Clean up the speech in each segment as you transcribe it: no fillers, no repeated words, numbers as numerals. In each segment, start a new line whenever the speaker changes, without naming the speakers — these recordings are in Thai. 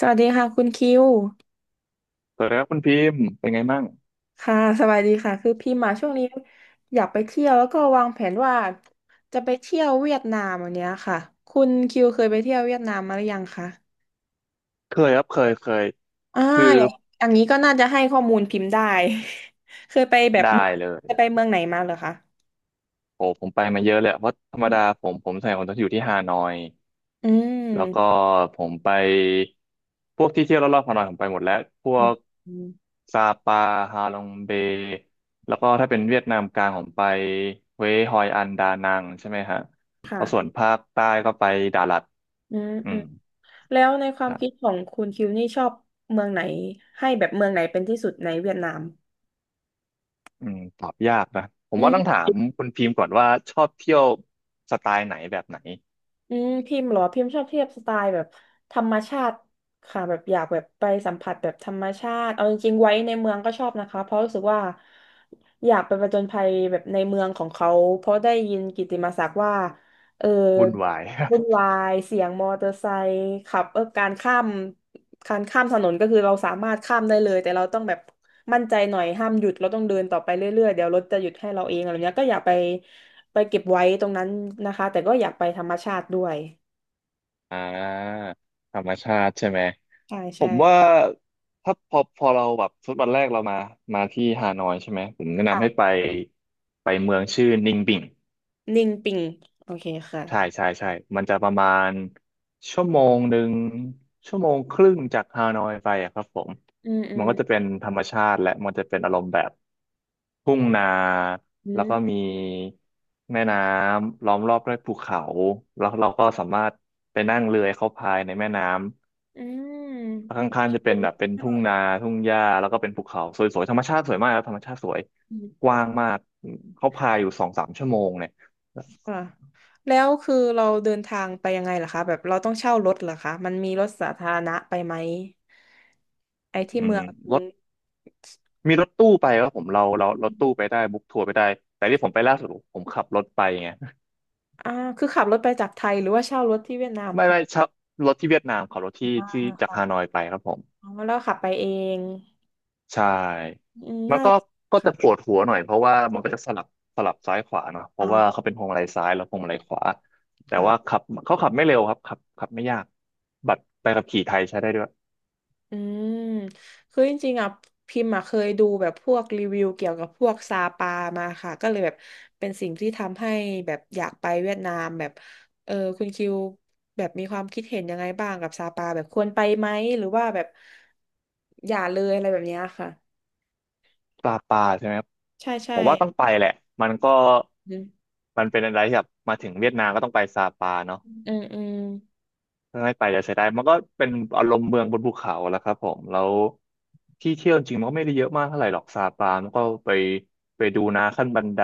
สวัสดีค่ะคุณคิว
สวัสดีครับคุณพิมพ์เป็นไงมั่ง
ค่ะสวัสดีค่ะคือพี่มาช่วงนี้อยากไปเที่ยวแล้วก็วางแผนว่าจะไปเที่ยวเวียดนามอันเนี้ยค่ะคุณคิวเคยไปเที่ยวเวียดนามมาหรือยังคะ
เคยครับเคยเคย
อ่า
คือ
อย่างอย่างนี้ก็น่าจะให้ข้อมูลพิมพ์ได้ เคยไปแบบ
ได้
เมือง
เลย
เคยไปเมืองไหนมาเหรอคะ
โอ้ผมไปมาเยอะเลยอะเพราะธรรมดาผมใส่คนจะอยู่ที่ฮานอย
อื
แล้วก็
ม
ผมไปพวกที่เที่ยวรอบๆฮานอยผมไปหมดแล้วพวก
อืม
ซาปาฮาลองเบแล้วก็ถ้าเป็นเวียดนามกลางผมไปเวยฮอยอันดานังใช่ไหมฮะแล้วส่วน
ค่ะ
ภาคใต้ก็ไปดาลัด
อืม
อื
อื
ม
มแล้วในควา
ค
ม
รั
คิด
บ
ของคุณคิวนี่ชอบเมืองไหนให้แบบเมืองไหนเป็นที่สุดในเวียดนาม
ตอบยากนะผมว่าต้องถามคุณพิมพ์ก่อนว่าชอบเที่ยวสไตล์ไหนแบบไหน
อืมพิมพ์เหรอพิมพ์ชอบเที่ยวสไตล์แบบธรรมชาติค่ะแบบอยากแบบไปสัมผัสแบบธรรมชาติเอาจริงๆไว้ในเมืองก็ชอบนะคะเพราะรู้สึกว่าอยากไปผจญภัยแบบในเมืองของเขาเพราะได้ยินกิตติมศักดิ์ว่าเออ
วุ่นวาย
วุ่นวายเสียงมอเตอร์ไซค์ขับเออการข้าม การข้ามถนนก็คือเราสามารถข้ามได้เลยแต่เราต้องแบบมั่นใจหน่อยห้ามหยุดเราต้องเดินต่อไปเรื่อยๆเดี๋ยวรถจะหยุดให้เราเองอะไรเงี้ยก็อย่าไปไปเก็บไว้ตรงนั้นนะคะแต่ก็อยากไปธรรมชาติด้วย
อ่าธรรมชาติใช่ไหม
ใช่
ผ
ใช่
มว่าถ้าพอเราแบบทุตบอแรกเรามาที่ฮานอยใช่ไหม ผมแนะนำ
ค่ะ
ให้ไปเมืองชื่อนิงบิง
นิ่งปิงโอเคค่ะ
ใช่ใช่ใช่มันจะประมาณชั่วโมงหนึ่งชั่วโมงครึ่งจากฮานอยไปอะครับผม
อืมอื
มัน
ม
ก็จะเป็นธรรมชาติและมันจะเป็นอารมณ์แบบทุ่งนา
อื
แล้วก็
ม
มีแม่น้ำล้อมรอบด้วยภูเขาแล้วเราก็สามารถไปนั่งเรือเข้าพายในแม่น้ำ
อื
แล้วข
ม
้างๆจะเป็นแบบเป็นทุ่งนาทุ่งหญ้าแล้วก็เป็นภูเขาสวยๆธรรมชาติสวยมากครับธรรมชาติสวย
อื
ก
ม
ว้างมากเขาพายอยู่2-3 ชั่วโมงเนี่ย
ค่ะแล้วคือเราเดินทางไปยังไงล่ะคะแบบเราต้องเช่ารถเหรอคะมันมีรถสาธารณะไปไหมไอ้ที่
อื
เมื
ม
อง
รถ มีรถตู้ไปครับผมเรารถตู้ไปได้บุ๊กทัวร์ไปได้แต่ที่ผมไปล่าสุดผมขับรถไปไง
อ่าคือขับรถไปจากไทยหรือว่าเช่ารถที่เวียดนาม
ไม่
ค่ะ
ไม่ชอบรถที่เวียดนามขับรถที่
อ่า
ที่จากฮานอ
ค่ะ
ยไปครับผม
อ๋อแล้วขับไปเอง
ใช่
อืม
มัน
น่า
ก็
จะ
ก็
ครั
จะ
บ
ปวดหัวหน่อยเพราะว่ามันก็จะสลับซ้ายขวาเนาะเพราะว่าเขา
อ่า
เป็นพวงมาลัยซ้ายแล้วพวงมาลัยขวาแต่ว่า
ค่ะ
ขับเขาขับไม่เร็วครับขับไม่ยากบัตรใบขับขี่ไทยใช้ได้ด้วย
อืมคือจริงๆอ่ะพิมพ์อ่ะเคยดูแบบพวกรีวิวเกี่ยวกับพวกซาปามาค่ะก็เลยแบบเป็นสิ่งที่ทำให้แบบอยากไปเวียดนามแบบเออคุณคิวแบบมีความคิดเห็นยังไงบ้างกับซาปาแบบควรไปไหมหรือว่าแบบอย่าเลยอะไรแบบเนี้ยค่ะ
ปลาใช่ไหมครับ
ใช่ใช่
ผมว่าต้องไปแหละมันก็
อืม
มันเป็นอะไรที่แบบมาถึงเวียดนามก็ต้องไปซาปาเนาะ
อืมอืม
ไม่ไปจะเสียดายมันก็เป็นอารมณ์เมืองบนภูเขาแล้วครับผมแล้วที่เที่ยวจริงมันก็ไม่ได้เยอะมากเท่าไหร่หรอกซาปามันก็ไปดูนาขั้นบันได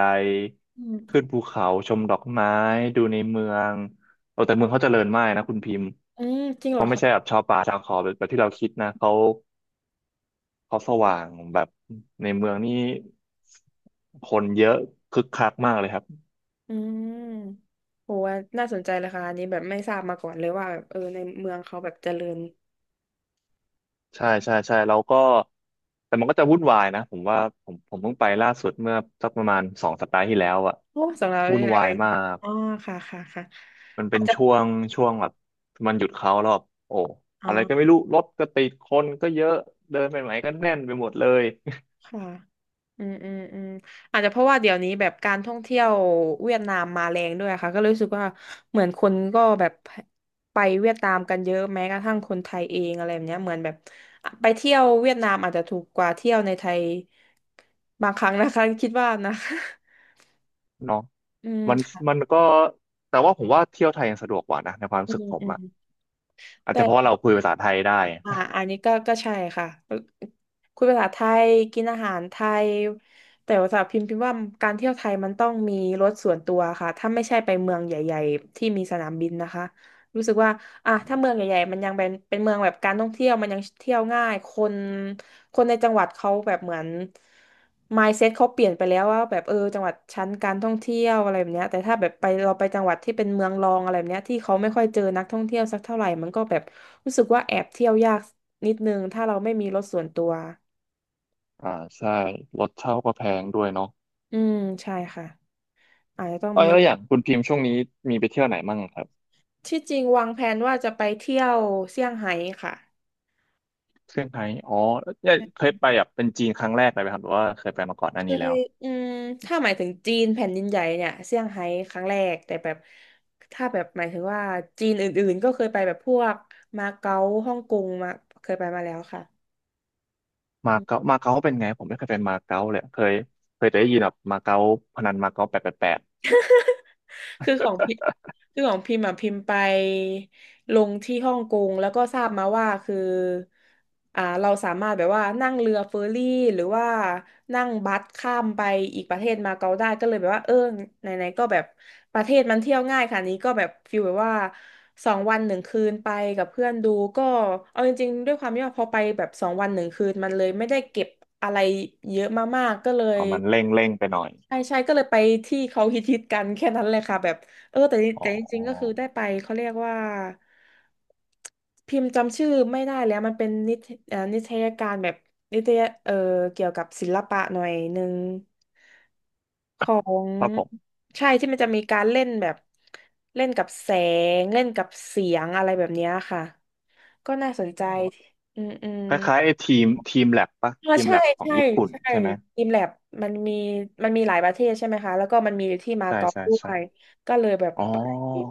อืม
ขึ้นภูเขาชมดอกไม้ดูในเมืองเออแต่เมืองเขาเจริญมากนะคุณพิมพ์
อืมจริงเหร
เขา
อ
ไม่
คะ
ใช่แบบชาวป่าชาวเขาแบบที่เราคิดนะเขาสว่างแบบในเมืองนี่คนเยอะคึกคักมากเลยครับ
อืมโหว่าน่าสนใจเลยค่ะอันนี้แบบไม่ทราบมาก่อนเลยว่าแบบเออในเมืองเขาแบบเจริญ
ใช่ใช่ใช่แล้วก็แต่มันก็จะวุ่นวายนะผมว่าผมเพิ่งไปล่าสุดเมื่อสักประมาณ2 สัปดาห์ที่แล้วอะ
โอ้สำหรับเรา
วุ่
นี่
น
แหละ
วา
เอ
ย
ง
มาก
อ๋อค่ะค่ะค่ะ
มัน
อา
เป็
จ
น
จะ
ช่วงช่
ค่ะ
วงแบบมันหยุดเขาแล้วแบบโอ้
อ๋อ
อะไรก็ไม่รู้รถก็ติดคนก็เยอะเดินไปไหนก็แน่นไปหมดเลย
ค่ะอืมอืมอืมอาจจะเพราะว่าเดี๋ยวนี้แบบการท่องเที่ยวเวียดนามมาแรงด้วยค่ะก็เลยรู้สึกว่าเหมือนคนก็แบบไปเวียดนามกันเยอะแม้กระทั่งคนไทยเองอะไรแบบเนี้ยเหมือนแบบไปเที่ยวเวียดนามอาจจะถูกกว่าเที่ยวในไทยบางครั้งนะคะคิดว่านะ
เนาะ
อื
มัน
ม
มันก็แต่ว่าผมว่าเที่ยวไทยยังสะดวกกว่านะในความ
อื
รู้สึก
ม
ผม
อืม
อะอาจจะเพราะว่า
แต่
เราคุยภาษาไทยได้
อ่าอันนี้ก็ก็ใช่ค่ะคุยภาษาไทยกินอาหารไทยแต่ว่าสับพิมพ์พิมพ์ว่าการเที่ยวไทยมันต้องมีรถส่วนตัวค่ะถ้าไม่ใช่ไปเมืองใหญ่ๆที่มีสนามบินนะคะรู้สึกว่าอ่ะถ้าเมืองใหญ่ๆมันยังเป็นเมืองแบบการท่องเที่ยวมันยังเที่ยวง่ายคน คนในจังหวัดเขาแบบเหมือน mindset เขาเปลี่ยนไปแล้วว่าแบบเออจังหวัดชั้นการท่องเที่ยวอะไรแบบเนี้ยแต่ถ้าแบบไปเราไปจังหวัดที่เป็นเมืองรองอะไรแบบเนี้ยที่เขาไม่ค่อยเจอนักท่องเที่ยวสักเท่าไหร่มันก็แบบรู้สึกว่าแอบเที่ยวยากนิดนึงถ้าเราไม่มีรถส่วนตัว
อ่าใช่รถเช่าก็แพงด้วยเนาะ
อืมใช่ค่ะอาจจะต้อง
เออ
มี
แล้วอย่างคุณพิมพ์ช่วงนี้มีไปเที่ยวไหนมั่งครับ
ที่จริงวางแผนว่าจะไปเที่ยวเซี่ยงไฮ้ค่ะ
เซี่ยงไฮ้อ๋อเนี่ยเคยไปแบบเป็นจีนครั้งแรกเลยไหมครับหรือว่าเคยไปมาก่อนห
เค
น้านี้แล้ว
ยอืมถ้าหมายถึงจีนแผ่นดินใหญ่เนี่ยเซี่ยงไฮ้ครั้งแรกแต่แบบถ้าแบบหมายถึงว่าจีนอื่นๆก็เคยไปแบบพวกมาเก๊าฮ่องกงมาเคยไปมาแล้วค่ะ
มาเก๊าเป็นไงผมไม่เคยไปมาเก๊าเลยเคยแต่ได้ยินแบบมาเก๊าพนันมาเก๊า888
คือของพิคือของพิมพ์อ่ะพิมพ์ไปลงที่ฮ่องกงแล้วก็ทราบมาว่าคืออ่าเราสามารถแบบว่านั่งเรือเฟอร์รี่หรือว่านั่งบัสข้ามไปอีกประเทศมาเก๊าได้ก็เลยแบบว่าเออไหนๆก็แบบประเทศมันเที่ยวง่ายค่ะนี้ก็แบบฟีลแบบว่าสองวันหนึ่งคืนไปกับเพื่อนดูก็เอาจริงๆด้วยความที่ว่าพอไปแบบสองวันหนึ่งคืนมันเลยไม่ได้เก็บอะไรเยอะมากๆก็เลย
เอามันเร่งไปหน่อย
ใช่ใช่ก็เลยไปที่เขาฮิตฮิตกันแค่นั้นเลยค่ะแบบเออแต่
อ๋อ
แต่จริงๆก็คือได้ไปเขาเรียกว่าพิมพ์จำชื่อไม่ได้แล้วมันเป็นนิทเอ่อนิทรรศการแบบนิตยเอ่อเกี่ยวกับศิลปะหน่อยหนึ่งของ
ครับผม
ใช่ที่มันจะมีการเล่นแบบเล่นกับแสงเล่นกับเสียงอะไรแบบเนี้ยค่ะก็น่าสนใจ
อ๋อ
อืมอืม
คล้ายๆไอ้ทีมแลบปะ
อ๋อ
ทีม
ใช่
แลบของ
ใช่
ญี่ปุ่น
ใช่
ใช่ไหม
ทีมแลบมันมีมันมีหลายประเทศใช่ไหมคะแล้วก็มันมีที่มา
ใช่
เก๊า
ใช่
ด้ว
ใช่
ยก็เลยแบบ
อ๋
ไป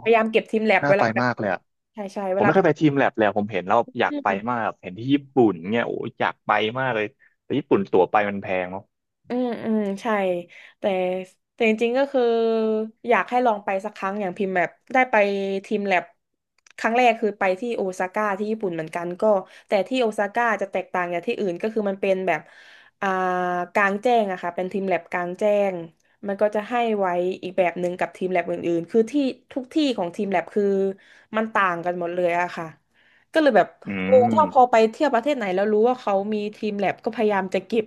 พยายามเก็บทีมแลบ
น่า
เว
ไป
ลาแบบ
มากเลยอะ
ใช่ใช่
ผ
เว
ม
ลา
ไม่เคยไปทีมแลบเลยอะผมเห็นแล้วอยาก
อื
ไป
ม
มากเห็นที่ญี่ปุ่นเนี่ยโอ้ยอยากไปมากเลยแต่ญี่ปุ่นตั๋วไปมันแพงเนาะ
อืมอืมใช่แต่แต่จริงๆก็คืออยากให้ลองไปสักครั้งอย่างพิมพ์แบบได้ไปทีมแลบครั้งแรกคือไปที่โอซาก้าที่ญี่ปุ่นเหมือนกันก็แต่ที่โอซาก้าจะแตกต่างจากที่อื่นก็คือมันเป็นแบบอ่ากลางแจ้งอะค่ะเป็นทีมแลบกลางแจ้งมันก็จะให้ไว้อีกแบบหนึ่งกับทีมแลบอื่นๆคือที่ทุกที่ของทีมแลบคือมันต่างกันหมดเลยอะค่ะก็เลยแบบ
อื
เอถ้าพอ
ม
ไปเที่ยวประเทศไหนแล้วรู้ว่าเขามีทีมแลบก็พยายามจะเก็บ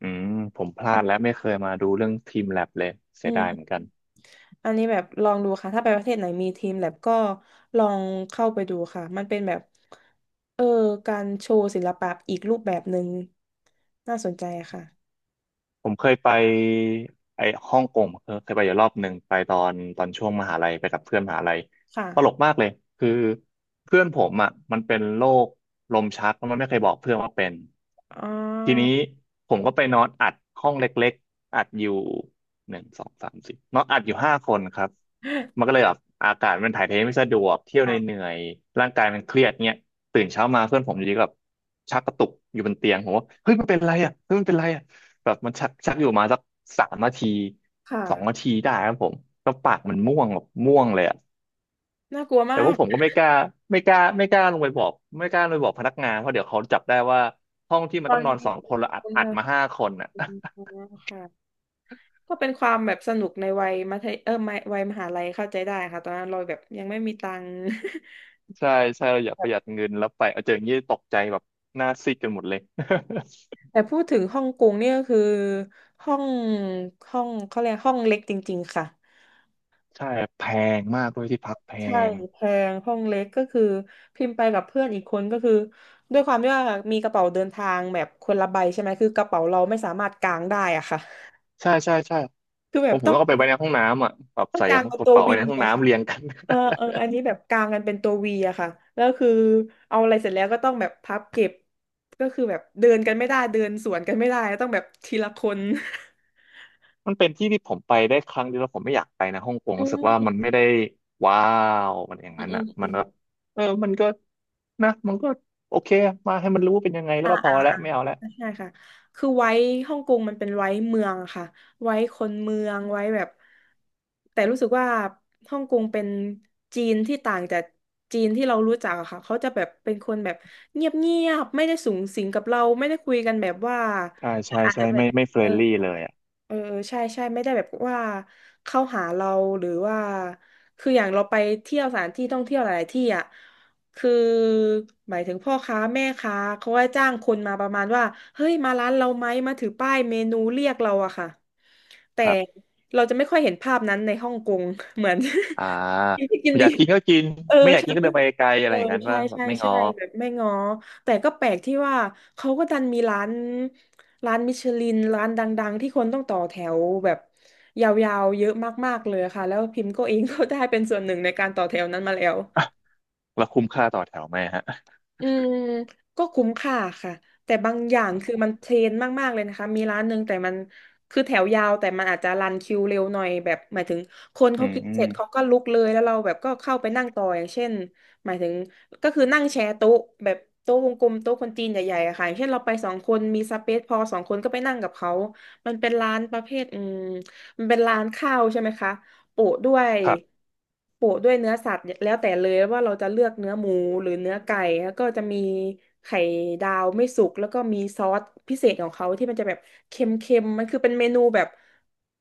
อืมผมพลาดและไม่ เคยมาดูเรื่องทีมแลบเลยเสี
อื
ยดายเหมือน
ม
กัน
อันนี้แบบลองดูค่ะถ้าไปประเทศไหนมีทีมแลบก็ลองเข้าไปดูค่ะมันเป็นแบบเออการโชว์ศิลปะอีกรูปแบบหนึ่งน่าสนใจค่ะ
ผมเคยไปไอ้ฮ่องกงเคยไปอยู่รอบหนึ่งไปตอนช่วงมหาลัยไปกับเพื่อนมหาลัยตลก
ค่ะ
มากเลยคือเพื่อนผมอ่ะมันเป็นโรคลมชักแล้วมันไม่เคยบอกเพื่อนว่าเป็น
อ๋
ทีนี้
อ
ผมก็ไปนอนอัดห้องเล็กๆอัดอยู่หนึ่งสองสามสี่นอนอัดอยู่ห้าคนครับมันก็เลยแบบอากาศมันถ่ายเทไม่สะดวกเที่ยวใน
ค่ะ
เหนื่อยๆร่างกายมันเครียดเนี่ยตื่นเช้ามาเพื่อนผมอยู่ดีก็แบบชักกระตุกอยู่บนเตียงผมว่าเฮ้ยมันเป็นไรอ่ะเฮ้ยมันเป็นไรอ่ะ แบบมันชักชักอยู่มาสัก3 นาที
ค่ะ
2 นาทีได้ครับผมก็ปากมันม่วงแบบม่วงเลยอะ
น่ากลัวมา
แต่ว่า
ก
ผมก็ไม่กล้าลงไปบอกไม่กล้าลงไปบอกพนักงานเพราะเดี๋ยวเขาจับได้ว่าห้องที่
ต
มัน
อ
ต้อ
น
งนอน
นี้
สอง
เป็
ค
น
นเราอั
ค
ด
น
อัด
น่า
มาห้าคนอ่ะ
กลัวค่ะก็เป็นความแบบสนุกในวัยมัธยไม่วัยมหาลัยเข้าใจได้ค่ะตอนนั้นเราแบบยังไม่มีตังค์
ใช่ใช่เราอยากประหยัดเงินแล้วไปเอาเจออย่างนี้ตกใจแบบหน้าซีดกันหมดเลย
แต่พูดถึงฮ่องกงเนี่ยก็คือห้องห้องเขาเรียกห้องเล็กจริงๆค่ะ
ใช่แพงมากด้วยที่พักแพ
ใช่
ง
แพงห้องเล็กก็คือพิมพ์ไปกับเพื่อนอีกคนก็คือด้วยความที่ว่ามีกระเป๋าเดินทางแบบคนละใบใช่ไหมคือกระเป๋าเราไม่สามารถกางได้อะค่ะ
ใช่ใช่ใช่
คือแบ
ผ
บ
มผม
ต้อง
ต้องเอาไปไว้ในห้องน้ำอ่ะแบบใส่ก
กางเป็น
ระ
ตัว
เป๋าไว้
วี
ในห้อง
อะค่ะ
น้ำเรียงกัน
อันนี้แบบกางกันเป็นตัววีอะค่ะแล้วคือเอาอะไรเสร็จแล้วก็ต้องแบบพับเก็บก็คือแบบเดินกันไม่ได้เดินสวนกันไม่ได้ต้องแบบทีละคน
มันเป็นที่ที่ผมไปได้ครั้งเดียวแล้วผมไม่อยากไปนะฮ่องกง
อื
รู้สึกว่า
ม
มันไม่ได้ว้าวมันอย่าง
อื
นั้น
ม
อ่ะ
อื
มัน
ม
ก็เออมันก็นะมันก็โอเคมาให้มันรู้ว่าเป็นยังไงแล้วก็พอแล้วไม่เอาแล้ว
ใช่ค่ะคือไว้ฮ่องกงมันเป็นไว้เมืองอะค่ะ ไว้คนเมืองไว้แบบแต่รู้สึกว่าฮ่องกงเป็นจีนที่ต่างจากจีนที่เรารู้จักอะค่ะเขาจะแบบเป็นคนแบบเงียบเงียบไม่ได้สูงสิงกับเราไม่ได้คุยกันแบบว่า
ใช่ใช่
อาจ
ใช่
จะแบบ
ไม่เฟร
เออ
นลี่เลยอ่ะ
เออใช่ใช่ไม่ได้แบบว่าเข้าหาเราหรือว่าคืออย่างเราไปเที่ยวสถานที่ท่องเที่ยวหลายๆที่อ่ะคือหมายถึงพ่อค้าแม่ค้าเขาก็จ้างคนมาประมาณว่าเฮ้ยมาร้านเราไหมมาถือป้ายเมนูเรียกเราอะค่ะแต่
ครับ
เราจะไม่ค่อยเห็นภาพนั้นในฮ่องกง เหมือน
อ่า
กินที่กิน
อ
ดี
ยากกินก็กิน
เออ
ไม่อยาก
ใช่
กินก็เดินไปไกลอะ
เออ
ไรอย่างนั้น
ใช่
ว่าแบบ
ใช่
ไม่ง้
ใช่
อ
แบบไม่ง้อแต่ก็แปลกที่ว่าเขาก็ดันมีร้านมิชลินร้านดังๆที่คนต้องต่อแถวแบบยาวๆเยอะมากๆเลยค่ะแล้วพิมพ์ก็เอง ก็ได้เป็นส่วนหนึ่งในการต่อแถวนั้นมาแล้ว
อ่ะแล้วคุ้มค่าต่อแถวไหมฮะ
อืมก็คุ้มค่าค่ะแต่บางอย่างคือมันเทรนมากๆเลยนะคะมีร้านหนึ่งแต่มันคือแถวยาวแต่มันอาจจะรันคิวเร็วหน่อยแบบหมายถึงคน
อื
เขา
ม
กิน
อื
เส
ม
ร็จเขาก็ลุกเลยแล้วเราแบบก็เข้าไปนั่งต่ออย่างเช่นหมายถึงก็คือนั่งแชร์โต๊ะแบบโต๊ะวงกลมโต๊ะคนจีนใหญ่ๆอะค่ะอย่างเช่นเราไปสองคนมีสเปซพอสองคนก็ไปนั่งกับเขามันเป็นร้านประเภทมันเป็นร้านข้าวใช่ไหมคะ โปะด้วย
ครับ
เนื้อสัตว์แล้วแต่เลยว่าเราจะเลือกเนื้อหมูหรือเนื้อไก่แล้วก็จะมีไข่ดาวไม่สุกแล้วก็มีซอสพิเศษของเขาที่มันจะแบบเค็มๆมันคือเป็นเมนูแบบ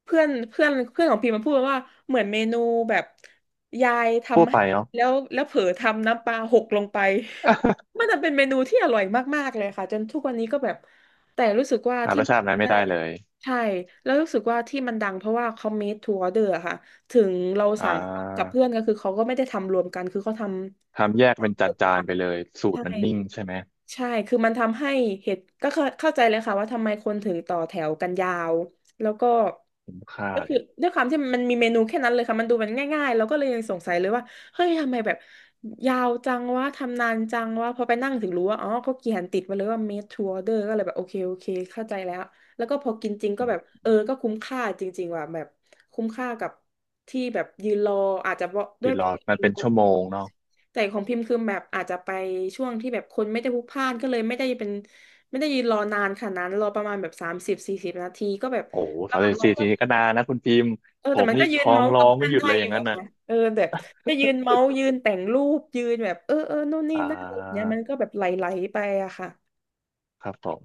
เพื่อนเพื่อนเพื่อนของพี่มันพูดว่าเหมือนเมนูแบบยาย
ทั่ว
ทำให้
ไปเนาะ
แล้วเผลอทำน้ำปลาหกลงไปมันจะเป็นเมนูที่อร่อยมากๆเลยค่ะจนทุกวันนี้ก็แบบแต่รู้สึกว่า
หา
ที่
รส
มัน
ชาตินั้น
ทำ
ไม่
ได้
ได้เลย
ใช่แล้วรู้สึกว่าที่มันดังเพราะว่าเขา made to order อะค่ะ ถึงเรา
อ่
สั่งกับ
า
เพื่อนก็คือเขาก็ไม่ได้ทำรวมกันคือเขาท
ทำแยกเป็นจานๆไปเลยสู
ำ
ต
ใช่
รมันนิ่งใช่ไหม
ใช่คือมันทำให้เหตุก็เข้าใจเลยค่ะว่าทำไมคนถึงต่อแถวกันยาว แล้วก็
คุ้มค่า
ก็
เล
คือ
ย
ด้วยความที่มันมีเมนูแค่นั้นเลยค่ะมันดูมันง่ายๆแล้วก็เลยยังสงสัยเลยว่าเฮ้ยทำไมแบบยาวจังวะทำนานจังวะพอไปนั่งถึงรู้ว่าอ๋อก็เขียนติดไว้เลยว่า made to order ก็เลยแบบโอเคโอเคเข้าใจแล้วแล้วก็พอกินจริงก็แบบเออก็คุ้มค่าจริงๆว่ะแบบคุ้มค่ากับที่แบบยืนรออาจจะเพราะ
ห
ด้ว
ยุ
ย
ดรอมันเป็นชั่วโมงเนาะ
แต่ของพิมพ์คือแบบอาจจะไปช่วงที่แบบคนไม่ได้พลุกพล่านก็เลยไม่ได้ยืนรอนานขนาดนั้นรอประมาณแบบสามสิบสี่สิบนาทีก็แบบ
โอ้
ระ
สา
ห
ม
ว่าง
สิบ
รอ
สี่
ก็
ทีนี้ก็นานนะคุณพิมพ์
เออ
ผ
แต่
ม
มัน
นี่
ก็ยืน
ท้อ
เมา
ง
ส์
ร้
กั
อ
บ
ง
เพื่
ไม่
อน
หยุด
ได้
เลยอ
อ
ย่า
ยู่
งนั้น
อะ
น่ะ
ค่ะเออแบบก็ยืนเมาส์ยืนแต่งรูปยืนแบบเออเออนู่นนี่
อ่
นั่นอะไรอย่างเงี้ย
า
มันก็แบบไหลๆไปอะค่ะ
ครับผม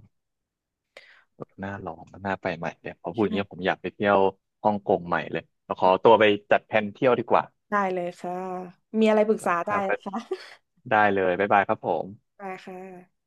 น่าลองน่าไปใหม่เดี๋ยวพอพูดอย่างเงี้ยผม
ใช่
อยากไปเที่ยวฮ่องกงใหม่เลยเราขอตัวไปจัดแผนเที่ยวดีกว่า
ได้เลยค่ะมีอะไรปรึกษา
ค
ได้
รั
นะ
บ
คะ
ได้เลยบ๊ายบายครับผม
ได้ค่ะ